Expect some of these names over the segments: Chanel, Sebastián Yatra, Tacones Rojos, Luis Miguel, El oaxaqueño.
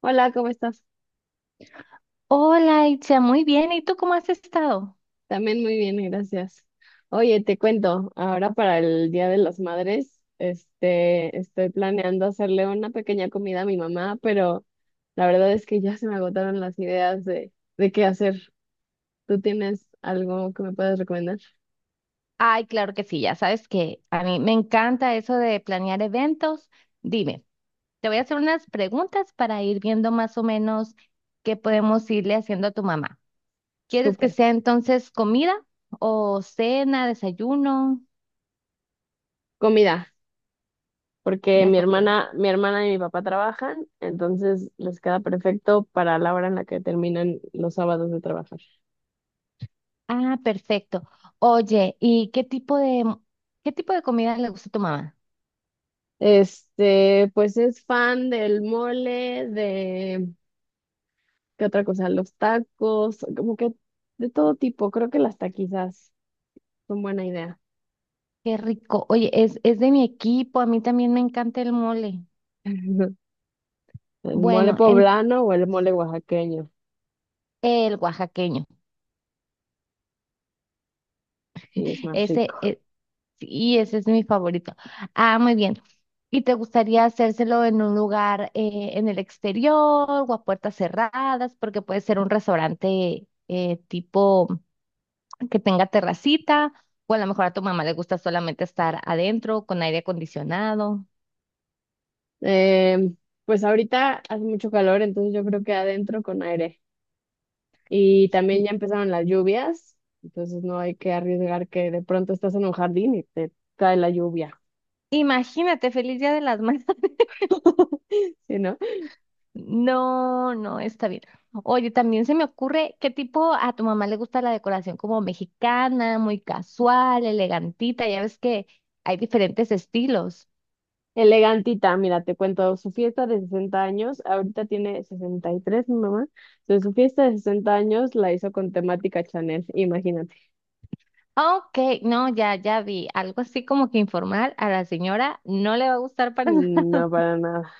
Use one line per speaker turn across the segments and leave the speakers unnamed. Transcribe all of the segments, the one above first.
Hola, ¿cómo estás?
Hola, Itzia, muy bien. ¿Y tú cómo has estado?
También muy bien, gracias. Oye, te cuento, ahora para el Día de las Madres, estoy planeando hacerle una pequeña comida a mi mamá, pero la verdad es que ya se me agotaron las ideas de qué hacer. ¿Tú tienes algo que me puedas recomendar?
Ay, claro que sí, ya sabes que a mí me encanta eso de planear eventos. Dime, te voy a hacer unas preguntas para ir viendo más o menos qué podemos irle haciendo a tu mamá. ¿Quieres que
Súper.
sea entonces comida o cena, desayuno,
Comida, porque
una
mi
comida?
hermana, mi hermana y mi papá trabajan, entonces les queda perfecto para la hora en la que terminan los sábados de trabajar.
Ah, perfecto. Oye, ¿y qué tipo de comida le gusta a tu mamá?
Pues es fan del mole, ¿qué otra cosa? Los tacos, como que de todo tipo. Creo que las taquizas son buena idea.
Qué rico. Oye, es de mi equipo, a mí también me encanta el mole.
El mole
Bueno, en
poblano o el mole oaxaqueño,
el oaxaqueño.
y es más rico.
Ese, es- sí, ese es mi favorito. Ah, muy bien. ¿Y te gustaría hacérselo en un lugar en el exterior o a puertas cerradas? Porque puede ser un restaurante tipo que tenga terracita o a lo mejor a tu mamá le gusta solamente estar adentro con aire acondicionado.
Em, pues ahorita hace mucho calor, entonces yo creo que adentro con aire. Y también
I-
ya empezaron las lluvias, entonces no hay que arriesgar que de pronto estás en un jardín y te cae la lluvia.
Imagínate, feliz Día de las Madres.
¿Sí, no?
No, no, está bien. Oye, también se me ocurre qué tipo a tu mamá le gusta la decoración como mexicana, muy casual, elegantita, ya ves que hay diferentes estilos.
Elegantita, mira, te cuento, su fiesta de 60 años. Ahorita tiene 63 mi mamá, entonces su fiesta de 60 años la hizo con temática Chanel, imagínate.
Ok, no, ya, ya vi, algo así como que informal a la señora no le va a gustar para
Mm, no para nada.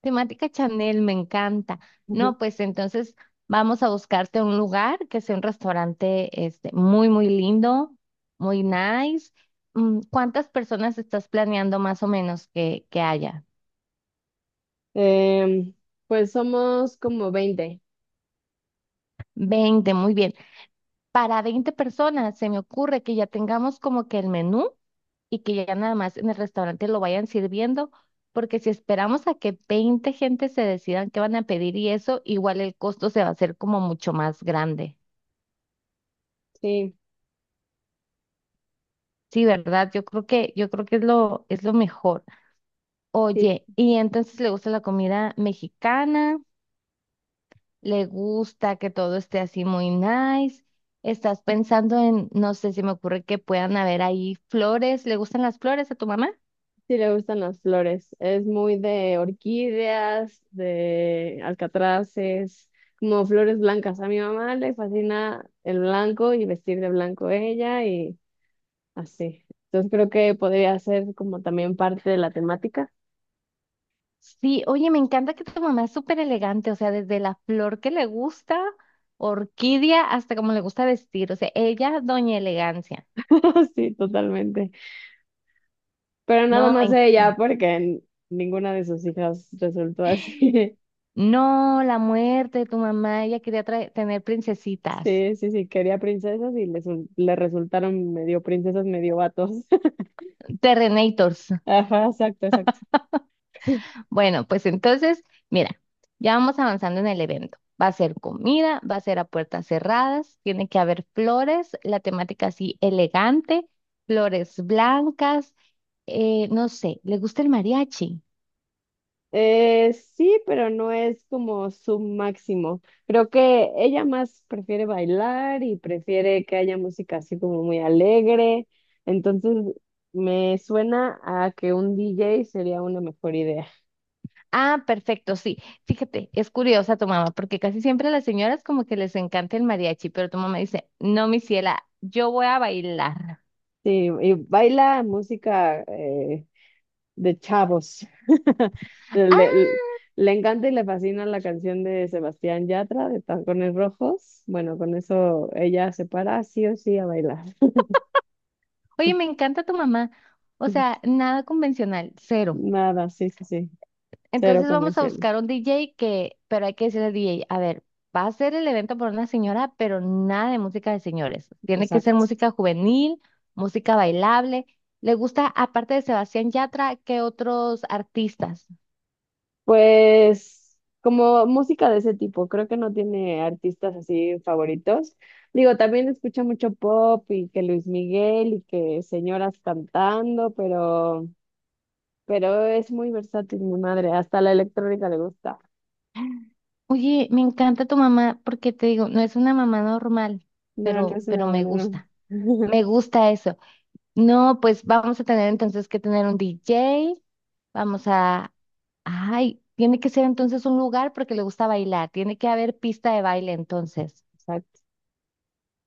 Temática Chanel, me encanta. No, pues entonces vamos a buscarte un lugar que sea un restaurante este, muy, muy lindo, muy nice. Mm, ¿cuántas personas estás planeando más o menos que haya?
Em, pues somos como 20.
20, muy bien. Para 20 personas se me ocurre que ya tengamos como que el menú y que ya nada más en el restaurante lo vayan sirviendo, porque si esperamos a que 20 gente se decidan qué van a pedir y eso, igual el costo se va a hacer como mucho más grande.
Sí,
Sí, ¿verdad? Yo creo que es lo mejor.
sí,
Oye, y entonces le gusta la comida mexicana, le gusta que todo esté así muy nice. Estás pensando en, no sé, si me ocurre que puedan haber ahí flores. ¿Le gustan las flores a tu mamá?
sí le gustan las flores, es muy de orquídeas, de alcatraces, como flores blancas. A mi mamá le fascina el blanco y vestir de blanco ella. Así. Entonces creo que podría ser como también parte de la temática.
Sí, oye, me encanta que tu mamá es súper elegante, o sea, desde la flor que le gusta, orquídea, hasta como le gusta vestir, o sea, ella, doña elegancia.
Sí, totalmente. Pero nada
No, me
más ella,
encanta.
porque ninguna de sus hijas resultó así.
No, la muerte de tu mamá, ella quería tener princesitas.
Sí, sí, sí, quería princesas y le resultaron medio princesas, medio vatos.
Terrenators.
Ajá, exacto, exacto.
Bueno, pues entonces, mira, ya vamos avanzando en el evento. Va a ser comida, va a ser a puertas cerradas, tiene que haber flores, la temática así elegante, flores blancas, no sé, ¿le gusta el mariachi?
Sí, pero no es como su máximo. Creo que ella más prefiere bailar y prefiere que haya música así como muy alegre. Entonces, me suena a que un DJ sería una mejor idea.
Ah, perfecto, sí. Fíjate, es curiosa tu mamá, porque casi siempre a las señoras como que les encanta el mariachi, pero tu mamá dice, no, mi ciela, yo voy a bailar.
Sí, y baila música de chavos. Le,
Ah,
le le encanta y le fascina la canción de Sebastián Yatra de Tacones Rojos. Bueno, con eso ella se para sí o sí a bailar.
oye, me encanta tu mamá. O sea, nada convencional, cero.
Nada, sí, sí, sí, cero
Entonces vamos a
convención,
buscar un DJ que, pero hay que decirle al DJ, a ver, va a ser el evento por una señora, pero nada de música de señores. Tiene que ser
exacto.
música juvenil, música bailable. Le gusta, aparte de Sebastián Yatra, ¿qué otros artistas?
Pues como música de ese tipo, creo que no tiene artistas así favoritos. Digo, también escucha mucho pop y que Luis Miguel y que señoras cantando, pero es muy versátil mi madre, hasta la electrónica le gusta.
Oye, me encanta tu mamá porque te digo, no es una mamá normal,
No, no
pero,
es
pero
una
me
buena,
gusta.
no.
Me gusta eso. No, pues vamos a tener entonces que tener un DJ. Vamos a. Ay, tiene que ser entonces un lugar porque le gusta bailar. Tiene que haber pista de baile entonces.
Exacto.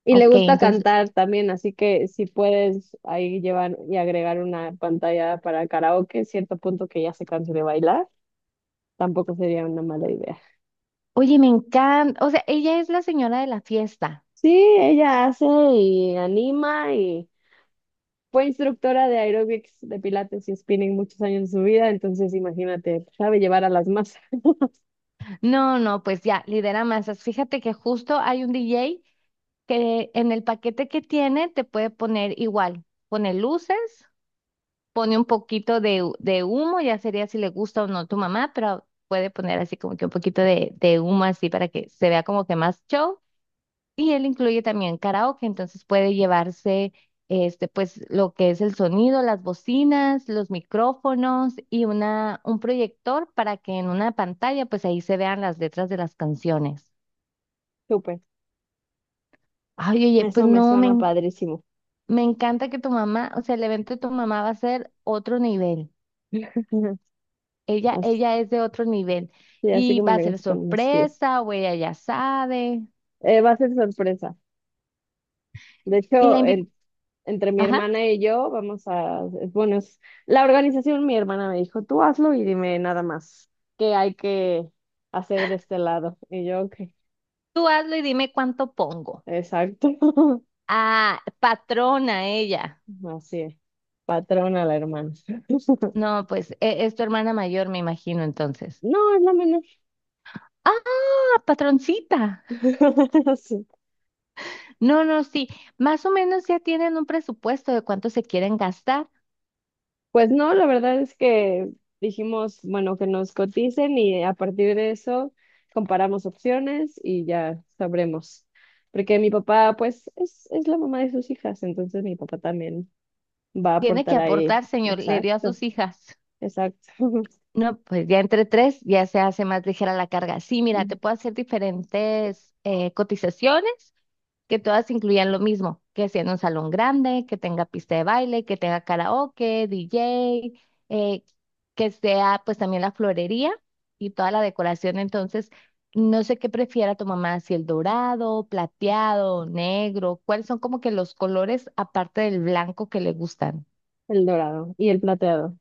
Y le
Ok,
gusta
entonces,
cantar también, así que si puedes ahí llevar y agregar una pantalla para karaoke, cierto punto que ya se canse de bailar, tampoco sería una mala idea.
oye, me encanta. O sea, ella es la señora de la fiesta.
Sí, ella hace y anima y fue instructora de aeróbics, de pilates y spinning muchos años de su vida, entonces imagínate, sabe llevar a las masas.
No, no, pues ya, lidera masas. Fíjate que justo hay un DJ que en el paquete que tiene te puede poner igual. Pone luces, pone un poquito de humo, ya sería si le gusta o no tu mamá, pero puede poner así como que un poquito de humo así para que se vea como que más show. Y él incluye también karaoke, entonces puede llevarse este, pues, lo que es el sonido, las bocinas, los micrófonos y un proyector para que en una pantalla, pues ahí se vean las letras de las canciones.
Súper,
Ay, oye, pues
eso me
no,
suena padrísimo.
me encanta que tu mamá, o sea, el evento de tu mamá va a ser otro nivel. Ella,
Así,
ella es de otro nivel
así
y
como
va a
le
ser
gustan mis pies.
sorpresa o ella ya sabe.
Va a ser sorpresa. De
Y la
hecho,
invita,
entre mi
ajá,
hermana y yo, bueno, la organización, mi hermana me dijo, tú hazlo y dime nada más qué hay que hacer de este lado. Y yo, ok.
tú hazlo y dime cuánto pongo.
Exacto.
Ah, patrona ella.
Así es. Patrona la hermana.
No, pues es tu hermana mayor, me imagino, entonces.
No, es la menor.
Ah, patroncita.
Sí.
No, no, sí. Más o menos ya tienen un presupuesto de cuánto se quieren gastar.
Pues no, la verdad es que dijimos, bueno, que nos coticen y a partir de eso comparamos opciones y ya sabremos. Porque mi papá, pues, es la mamá de sus hijas, entonces mi papá también va a
Tiene que
aportar ahí.
aportar, señor, le dio a
Exacto,
sus hijas.
exacto.
No, pues ya entre tres ya se hace más ligera la carga. Sí, mira, te puedo hacer diferentes cotizaciones que todas incluyan lo mismo, que sea en un salón grande, que tenga pista de baile, que tenga karaoke, DJ, eh, que sea pues también la florería y toda la decoración. Entonces, no sé qué prefiera tu mamá, si el dorado, plateado, negro, cuáles son como que los colores aparte del blanco que le gustan.
El dorado y el plateado.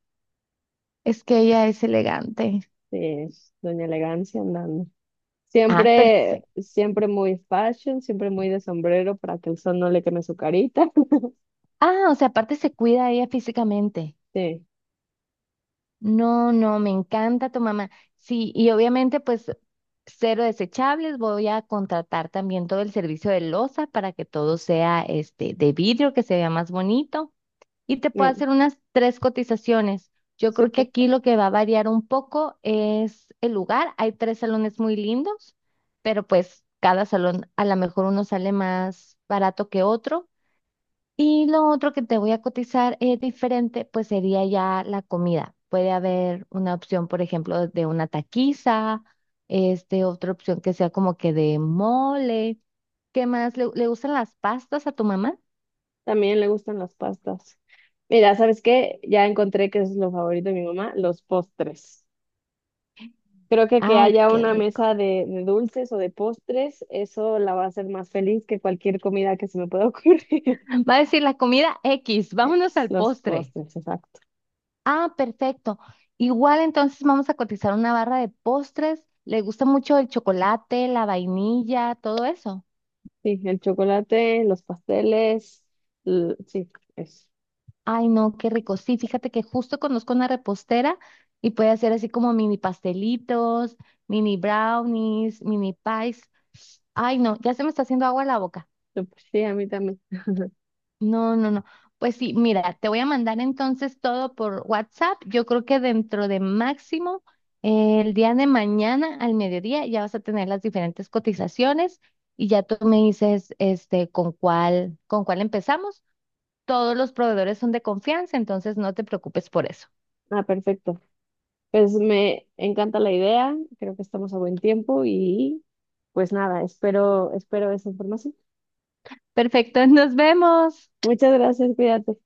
Es que ella es elegante.
Sí, es Doña Elegancia andando.
Ah,
Siempre,
perfecto.
siempre muy fashion, siempre muy de sombrero para que el sol no le queme su carita.
Ah, o sea, aparte se cuida ella físicamente.
Sí,
No, no, me encanta tu mamá. Sí, y obviamente pues cero desechables, voy a contratar también todo el servicio de loza para que todo sea este de vidrio, que se vea más bonito y te puedo
no,
hacer unas tres cotizaciones. Yo creo que
súper.
aquí lo que va a variar un poco es el lugar. Hay tres salones muy lindos, pero pues cada salón a lo mejor uno sale más barato que otro. Y lo otro que te voy a cotizar es diferente, pues sería ya la comida. Puede haber una opción, por ejemplo, de una taquiza, este, otra opción que sea como que de mole. ¿Qué más? ¿Le gustan las pastas a tu mamá?
También le gustan las pastas. Mira, ¿sabes qué? Ya encontré que es lo favorito de mi mamá, los postres. Creo que
Ay,
haya
qué
una
rico.
mesa de dulces o de postres, eso la va a hacer más feliz que cualquier comida que se me pueda ocurrir.
Va a decir la comida X, vámonos
X,
al
los
postre.
postres, exacto.
Ah, perfecto. Igual entonces vamos a cotizar una barra de postres. ¿Le gusta mucho el chocolate, la vainilla, todo eso?
Sí, el chocolate, los pasteles, sí, eso.
Ay, no, qué rico. Sí, fíjate que justo conozco una repostera y puede hacer así como mini pastelitos, mini brownies, mini pies. Ay, no, ya se me está haciendo agua la boca.
Súper. Sí, a mí también.
No, no, no. Pues sí, mira, te voy a mandar entonces todo por WhatsApp. Yo creo que dentro de máximo el día de mañana al mediodía ya vas a tener las diferentes cotizaciones y ya tú me dices este con cuál empezamos. Todos los proveedores son de confianza, entonces no te preocupes por eso.
Ah, perfecto. Pues me encanta la idea, creo que estamos a buen tiempo y pues nada, espero esa información.
Perfecto, nos vemos.
Muchas gracias, cuídate.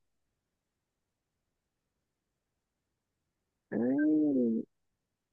Ay.